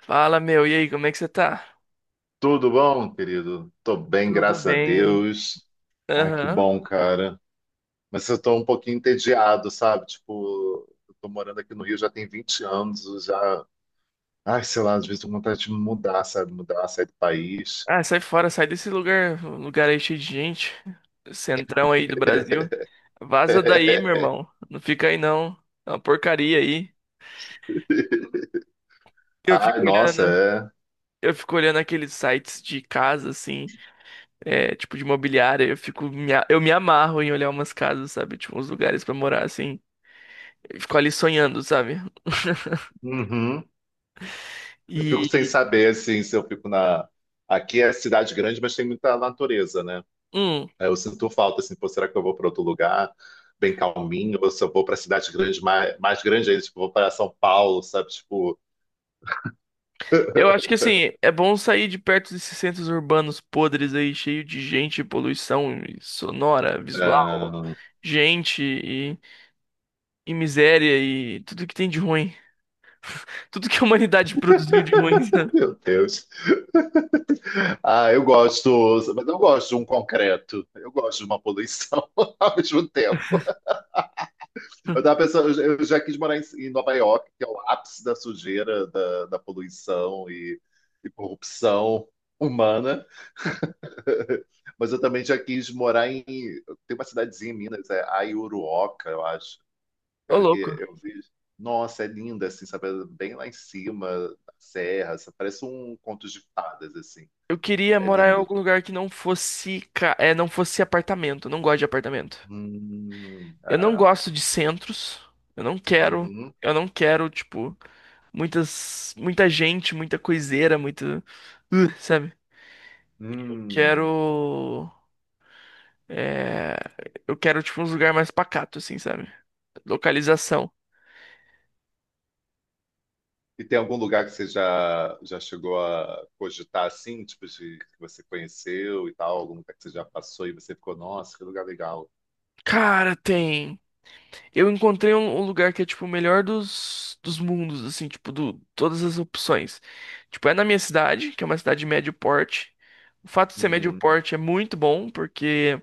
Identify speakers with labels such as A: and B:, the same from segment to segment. A: Fala, meu, e aí, como é que você tá?
B: Tudo bom, querido? Tô bem,
A: Tudo
B: graças a
A: bem?
B: Deus. Ah, que
A: Aham.
B: bom, cara. Mas eu tô um pouquinho entediado, sabe? Tipo, eu tô morando aqui no Rio já tem 20 anos, eu já. Ai, sei lá, às vezes tô com vontade de mudar, sabe? Mudar, sair do país.
A: Ah, sai fora, sai desse lugar, lugar aí cheio de gente. Centrão aí do Brasil. Vaza daí, meu irmão. Não fica aí não. É uma porcaria aí. Eu
B: Ai,
A: fico
B: nossa,
A: olhando,
B: é.
A: eu fico olhando aqueles sites de casa, assim, é, tipo de imobiliária. Eu me amarro em olhar umas casas, sabe? Tipo, uns lugares pra morar, assim. Eu fico ali sonhando, sabe?
B: Uhum. Eu fico sem
A: E.
B: saber, assim, se eu fico na. Aqui é cidade grande, mas tem muita natureza, né?
A: hum,
B: É, eu sinto falta, assim, pô, será que eu vou para outro lugar, bem calminho, ou se eu vou para cidade grande, mais grande ainda, tipo, vou para São Paulo, sabe? Tipo,
A: Eu acho que assim, é bom sair de perto desses centros urbanos podres aí, cheio de gente, poluição sonora, visual,
B: ah,
A: gente e miséria e tudo que tem de ruim. Tudo que a humanidade produziu de ruim, sabe?
B: meu Deus. Ah, eu gosto, mas eu gosto de um concreto, eu gosto de uma poluição ao mesmo tempo. Eu tava pensando, eu já quis morar em Nova York, que é o ápice da sujeira, da poluição e corrupção humana. Mas eu também já quis morar em. Tem uma cidadezinha em Minas, é Aiuruoca, eu acho.
A: Ô,
B: Cara, que
A: louco.
B: eu vi. Nossa, é linda, assim, sabe? Bem lá em cima, da serra, sabe? Parece um conto de fadas, assim.
A: Eu queria
B: É
A: morar em
B: lindo.
A: algum lugar que não fosse, não fosse apartamento. Eu não gosto de apartamento. Eu não
B: Ah,
A: gosto de centros. Eu não quero,
B: uhum,
A: eu não quero, tipo, muita gente, muita coiseira, muito, sabe?
B: hum.
A: Quero Eu quero, tipo, uns lugar mais pacato, assim, sabe? Localização.
B: E tem algum lugar que você já, já chegou a cogitar, assim, tipo, de que você conheceu e tal? Algum lugar que você já passou e você ficou, nossa, que lugar legal.
A: Cara, tem. Eu encontrei um, um lugar que é, tipo, o melhor dos mundos, assim, tipo, do, todas as opções. Tipo, é na minha cidade, que é uma cidade de médio porte. O fato de ser médio
B: Uhum,
A: porte é muito bom, porque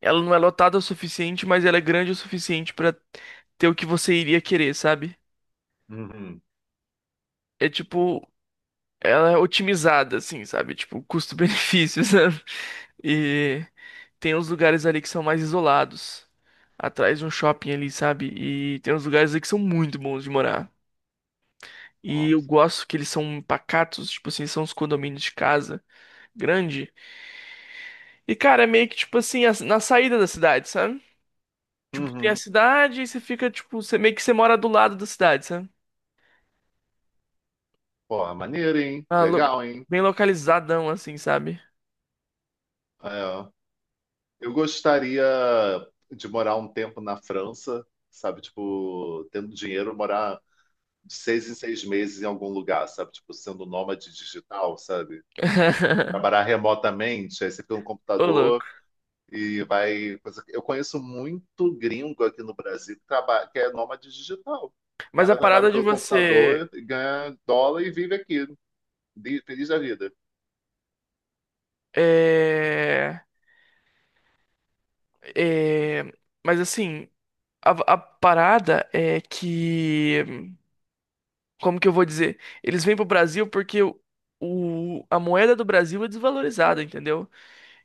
A: ela não é lotada o suficiente, mas ela é grande o suficiente pra ter o que você iria querer, sabe?
B: uhum,
A: É tipo, ela é otimizada, assim, sabe? Tipo, custo-benefício, sabe? E tem uns lugares ali que são mais isolados, atrás de um shopping ali, sabe? E tem uns lugares ali que são muito bons de morar. E eu
B: nossa.
A: gosto que eles são pacatos, tipo assim, são uns condomínios de casa grande. E, cara, é meio que, tipo assim, na saída da cidade, sabe? Tipo, tem a
B: Uhum.
A: cidade e você fica, tipo, você meio que você mora do lado da cidade, sabe?
B: Pô, maneiro, hein?
A: Ah, lo-
B: Legal, hein?
A: Bem localizadão, assim, sabe?
B: É. Eu gostaria de morar um tempo na França, sabe? Tipo, tendo dinheiro, morar de 6 em 6 meses em algum lugar, sabe? Tipo, sendo nômade digital, sabe? Trabalhar remotamente, aí você pega um
A: Ô,
B: computador
A: louco.
B: e vai. Eu conheço muito gringo aqui no Brasil que, que é nômade digital. O
A: Mas a
B: cara trabalha
A: parada de
B: pelo computador,
A: você.
B: ganha dólar e vive aqui, feliz da vida.
A: É. É. Mas assim. A parada é que, como que eu vou dizer? Eles vêm pro Brasil porque a moeda do Brasil é desvalorizada, entendeu?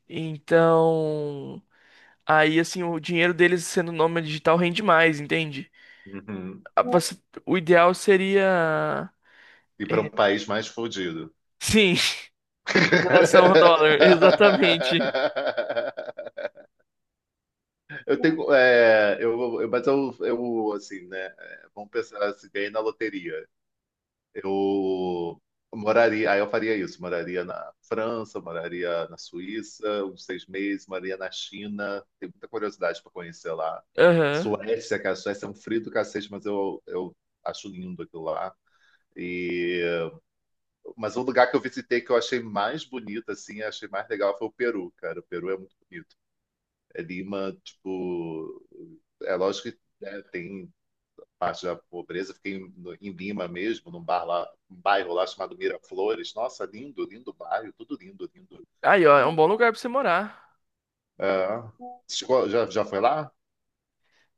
A: Então, aí assim, o dinheiro deles sendo nômade digital rende mais, entende?
B: Uhum.
A: A- você- O ideal seria,
B: E para um país mais fodido.
A: sim, em relação ao dólar, exatamente.
B: Eu tenho. É, mas eu, assim, né? É, vamos pensar se ganhei na loteria. Eu moraria. Aí eu faria isso. Moraria na França, moraria na Suíça, uns 6 meses, moraria na China. Tenho muita curiosidade para conhecer lá.
A: Aham.
B: Suécia, que a Suécia é um frio do cacete, mas eu acho lindo aquilo lá. E, mas um lugar que eu visitei que eu achei mais bonito, assim, achei mais legal foi o Peru, cara. O Peru é muito bonito. É Lima, tipo, é lógico que né, tem parte da pobreza. Fiquei em, em Lima mesmo, num bar lá, um bairro lá chamado Miraflores. Nossa, lindo, lindo bairro, tudo lindo, lindo.
A: Aí, ó, é um bom lugar pra você morar.
B: É, já, já foi lá?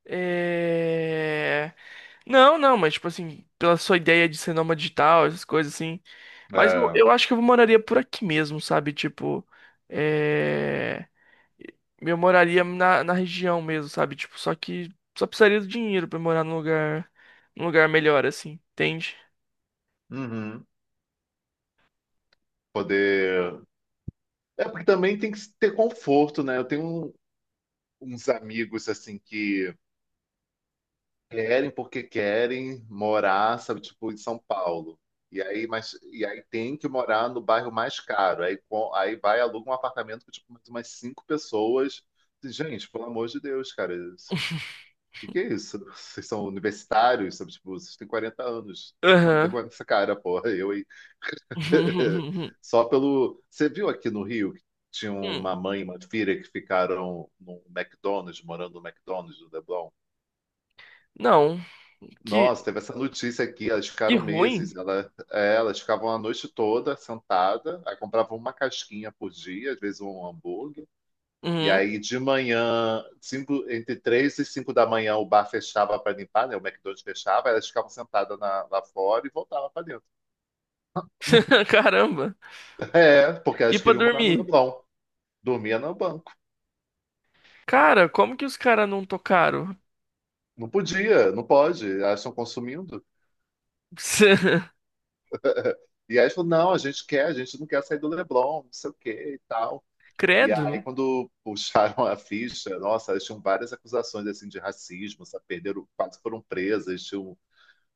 A: É... Não, não, mas tipo assim, pela sua ideia de ser nômade digital, essas coisas assim. Mas
B: É,
A: eu acho que eu moraria por aqui mesmo, sabe? Tipo, é... eu moraria na região mesmo, sabe? Tipo, só que só precisaria do dinheiro pra morar num lugar melhor, assim, entende?
B: uhum. Poder. É porque também tem que ter conforto, né? Uns amigos assim que querem porque querem morar, sabe, tipo, em São Paulo. E aí, mas, e aí tem que morar no bairro mais caro. Aí, aí vai, aluga um apartamento com, tipo, mais umas 5 pessoas. Gente, pelo amor de Deus, cara, o que que é isso? Vocês são universitários, sabe, tipo, vocês têm 40 anos. Toma
A: Aham.
B: vergonha nessa cara, porra, eu aí. Você viu aqui no Rio que tinha
A: Hum,
B: uma mãe e uma filha que ficaram num McDonald's, morando no McDonald's do Leblon?
A: Não,
B: Nossa,
A: que,
B: teve essa notícia aqui, elas
A: que
B: ficaram meses.
A: ruim.
B: Ela, é, elas ficavam a noite toda sentada, aí compravam uma casquinha por dia, às vezes um hambúrguer. E
A: Uhum.
B: aí de manhã, cinco, entre 3 e 5 da manhã, o bar fechava para limpar, né? O McDonald's fechava, elas ficavam sentadas lá fora e voltavam para dentro.
A: Caramba.
B: É, porque
A: E
B: elas
A: pra
B: queriam morar no
A: dormir?
B: Leblon. Dormia no banco.
A: Cara, como que os caras não tocaram?
B: Não podia, não pode. Elas estão consumindo. E aí elas falaram, não, a gente quer, a gente não quer sair do Leblon, não sei o que e tal. E aí,
A: Credo.
B: quando puxaram a ficha, nossa, elas tinham várias acusações assim, de racismo, sabe? Perderam, quase foram presas, tinham,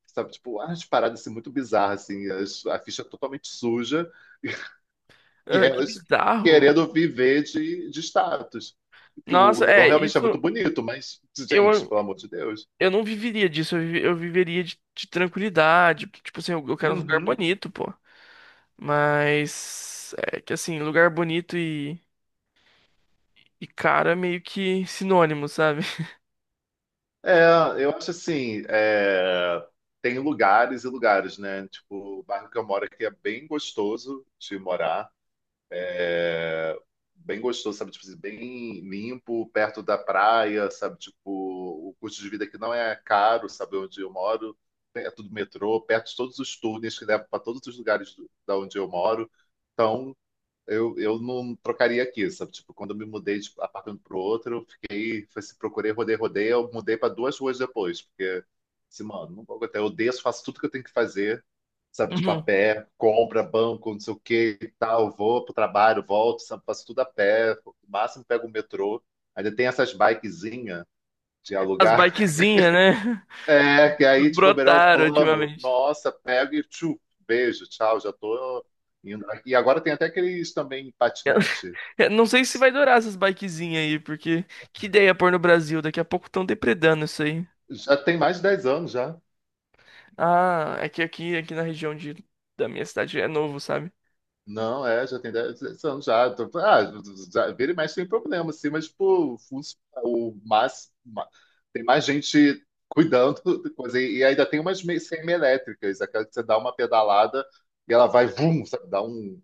B: sabe, tipo, umas paradas assim, muito bizarras, assim, a ficha é totalmente suja, e
A: Ah, que
B: elas
A: bizarro.
B: querendo viver de status. Que o
A: Nossa,
B: Leblon
A: é,
B: realmente é muito bonito, mas, gente,
A: eu,
B: pelo amor de Deus.
A: eu não viveria disso, eu viveria de tranquilidade. Tipo assim, eu quero um lugar
B: Uhum.
A: bonito, pô. Mas é que assim, lugar bonito e caro é meio que sinônimo, sabe?
B: É, eu acho assim, é, tem lugares e lugares, né? Tipo, o bairro que eu moro aqui é bem gostoso de morar. É, bem gostoso, sabe? Tipo, assim, bem limpo, perto da praia, sabe? Tipo, o custo de vida aqui não é caro, sabe? Onde eu moro, perto do metrô, perto de todos os túneis que levam para todos os lugares do, da onde eu moro. Então, eu não trocaria aqui, sabe? Tipo, quando eu me mudei de apartamento para o outro, eu fiquei, foi se procurei, rodei, rodei, eu mudei para 2 ruas depois, porque, assim, mano, não vou aguentar. Eu desço, faço tudo que eu tenho que fazer, sabe? Tipo, a
A: Uhum.
B: pé, compra, banco, não sei o que e tal, vou pro trabalho, volto, sabe? Faço tudo a pé, no máximo pego o metrô. Ainda tem essas bikezinhas de
A: As
B: alugar,
A: bikezinhas, né?
B: é, que aí, tipo, melhor o
A: Brotaram
B: plano,
A: ultimamente.
B: nossa, pego e tchu, beijo, tchau, já tô indo. E agora tem até aqueles também patinete,
A: É, não sei se vai durar essas bikezinhas aí, porque que ideia pôr no Brasil? Daqui a pouco estão depredando isso aí.
B: já tem mais de 10 anos já.
A: Ah, é que aqui, aqui na região de, da minha cidade é novo, sabe?
B: Não, é, já tem dez anos já. Ah, já, vira e mexe tem problema, assim, mas, tipo, funciona. O mas, tem mais gente cuidando, de coisa, e ainda tem umas semi-elétricas, aquela que você dá uma pedalada e ela vai, vum, sabe, dá um,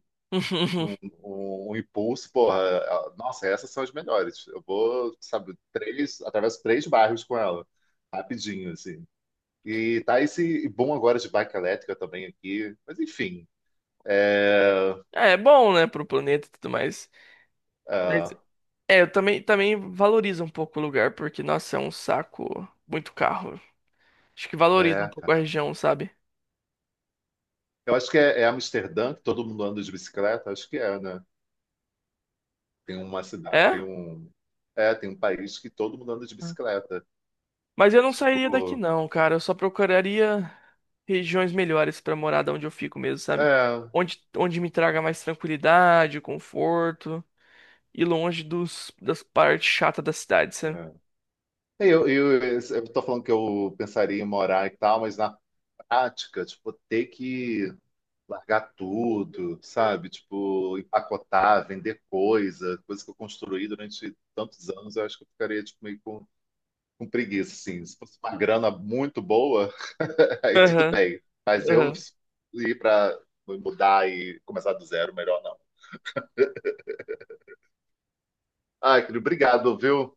B: um, um impulso, porra. Nossa, essas são as melhores. Eu vou, sabe, três, atravesso três bairros com ela, rapidinho, assim. E tá esse bom agora de bike elétrica também aqui, mas enfim. É,
A: É, é bom, né, pro planeta e tudo mais.
B: é,
A: É, eu também, também valorizo um pouco o lugar, porque, nossa, é um saco muito carro. Acho que valoriza um
B: é,
A: pouco a
B: cara.
A: região, sabe?
B: Eu acho que é, é Amsterdã, que todo mundo anda de bicicleta. Acho que é, né? Tem uma cidade,
A: É?
B: tem um, é, tem um país que todo mundo anda de bicicleta.
A: Mas eu não sairia daqui,
B: Tipo,
A: não, cara. Eu só procuraria regiões melhores pra morar da onde eu fico mesmo, sabe?
B: é.
A: Onde, onde me traga mais tranquilidade, conforto e longe das partes chatas da cidade, sabe?
B: É. Eu tô falando que eu pensaria em morar e tal, mas na prática, tipo, ter que largar tudo, sabe? Tipo, empacotar, vender coisa, coisa que eu construí durante tantos anos, eu acho que eu ficaria, tipo, meio com preguiça, assim. Se fosse uma grana muito boa, aí tudo
A: Aham,
B: bem. Mas eu
A: aham.
B: ir pra mudar e começar do zero, melhor não. Ai, querido, obrigado, viu?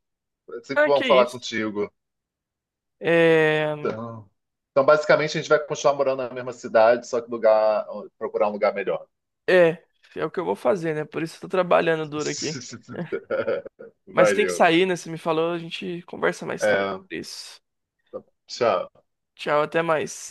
B: É sempre
A: Ah, que
B: bom falar
A: isso.
B: contigo.
A: É,
B: Então, então, basicamente, a gente vai continuar morando na mesma cidade, só que lugar, procurar um lugar melhor.
A: é, é o que eu vou fazer, né? Por isso eu tô trabalhando duro aqui. Mas tem que
B: Valeu.
A: sair, né? Você me falou, a gente conversa mais tarde
B: É,
A: sobre isso.
B: tchau.
A: Tchau, até mais.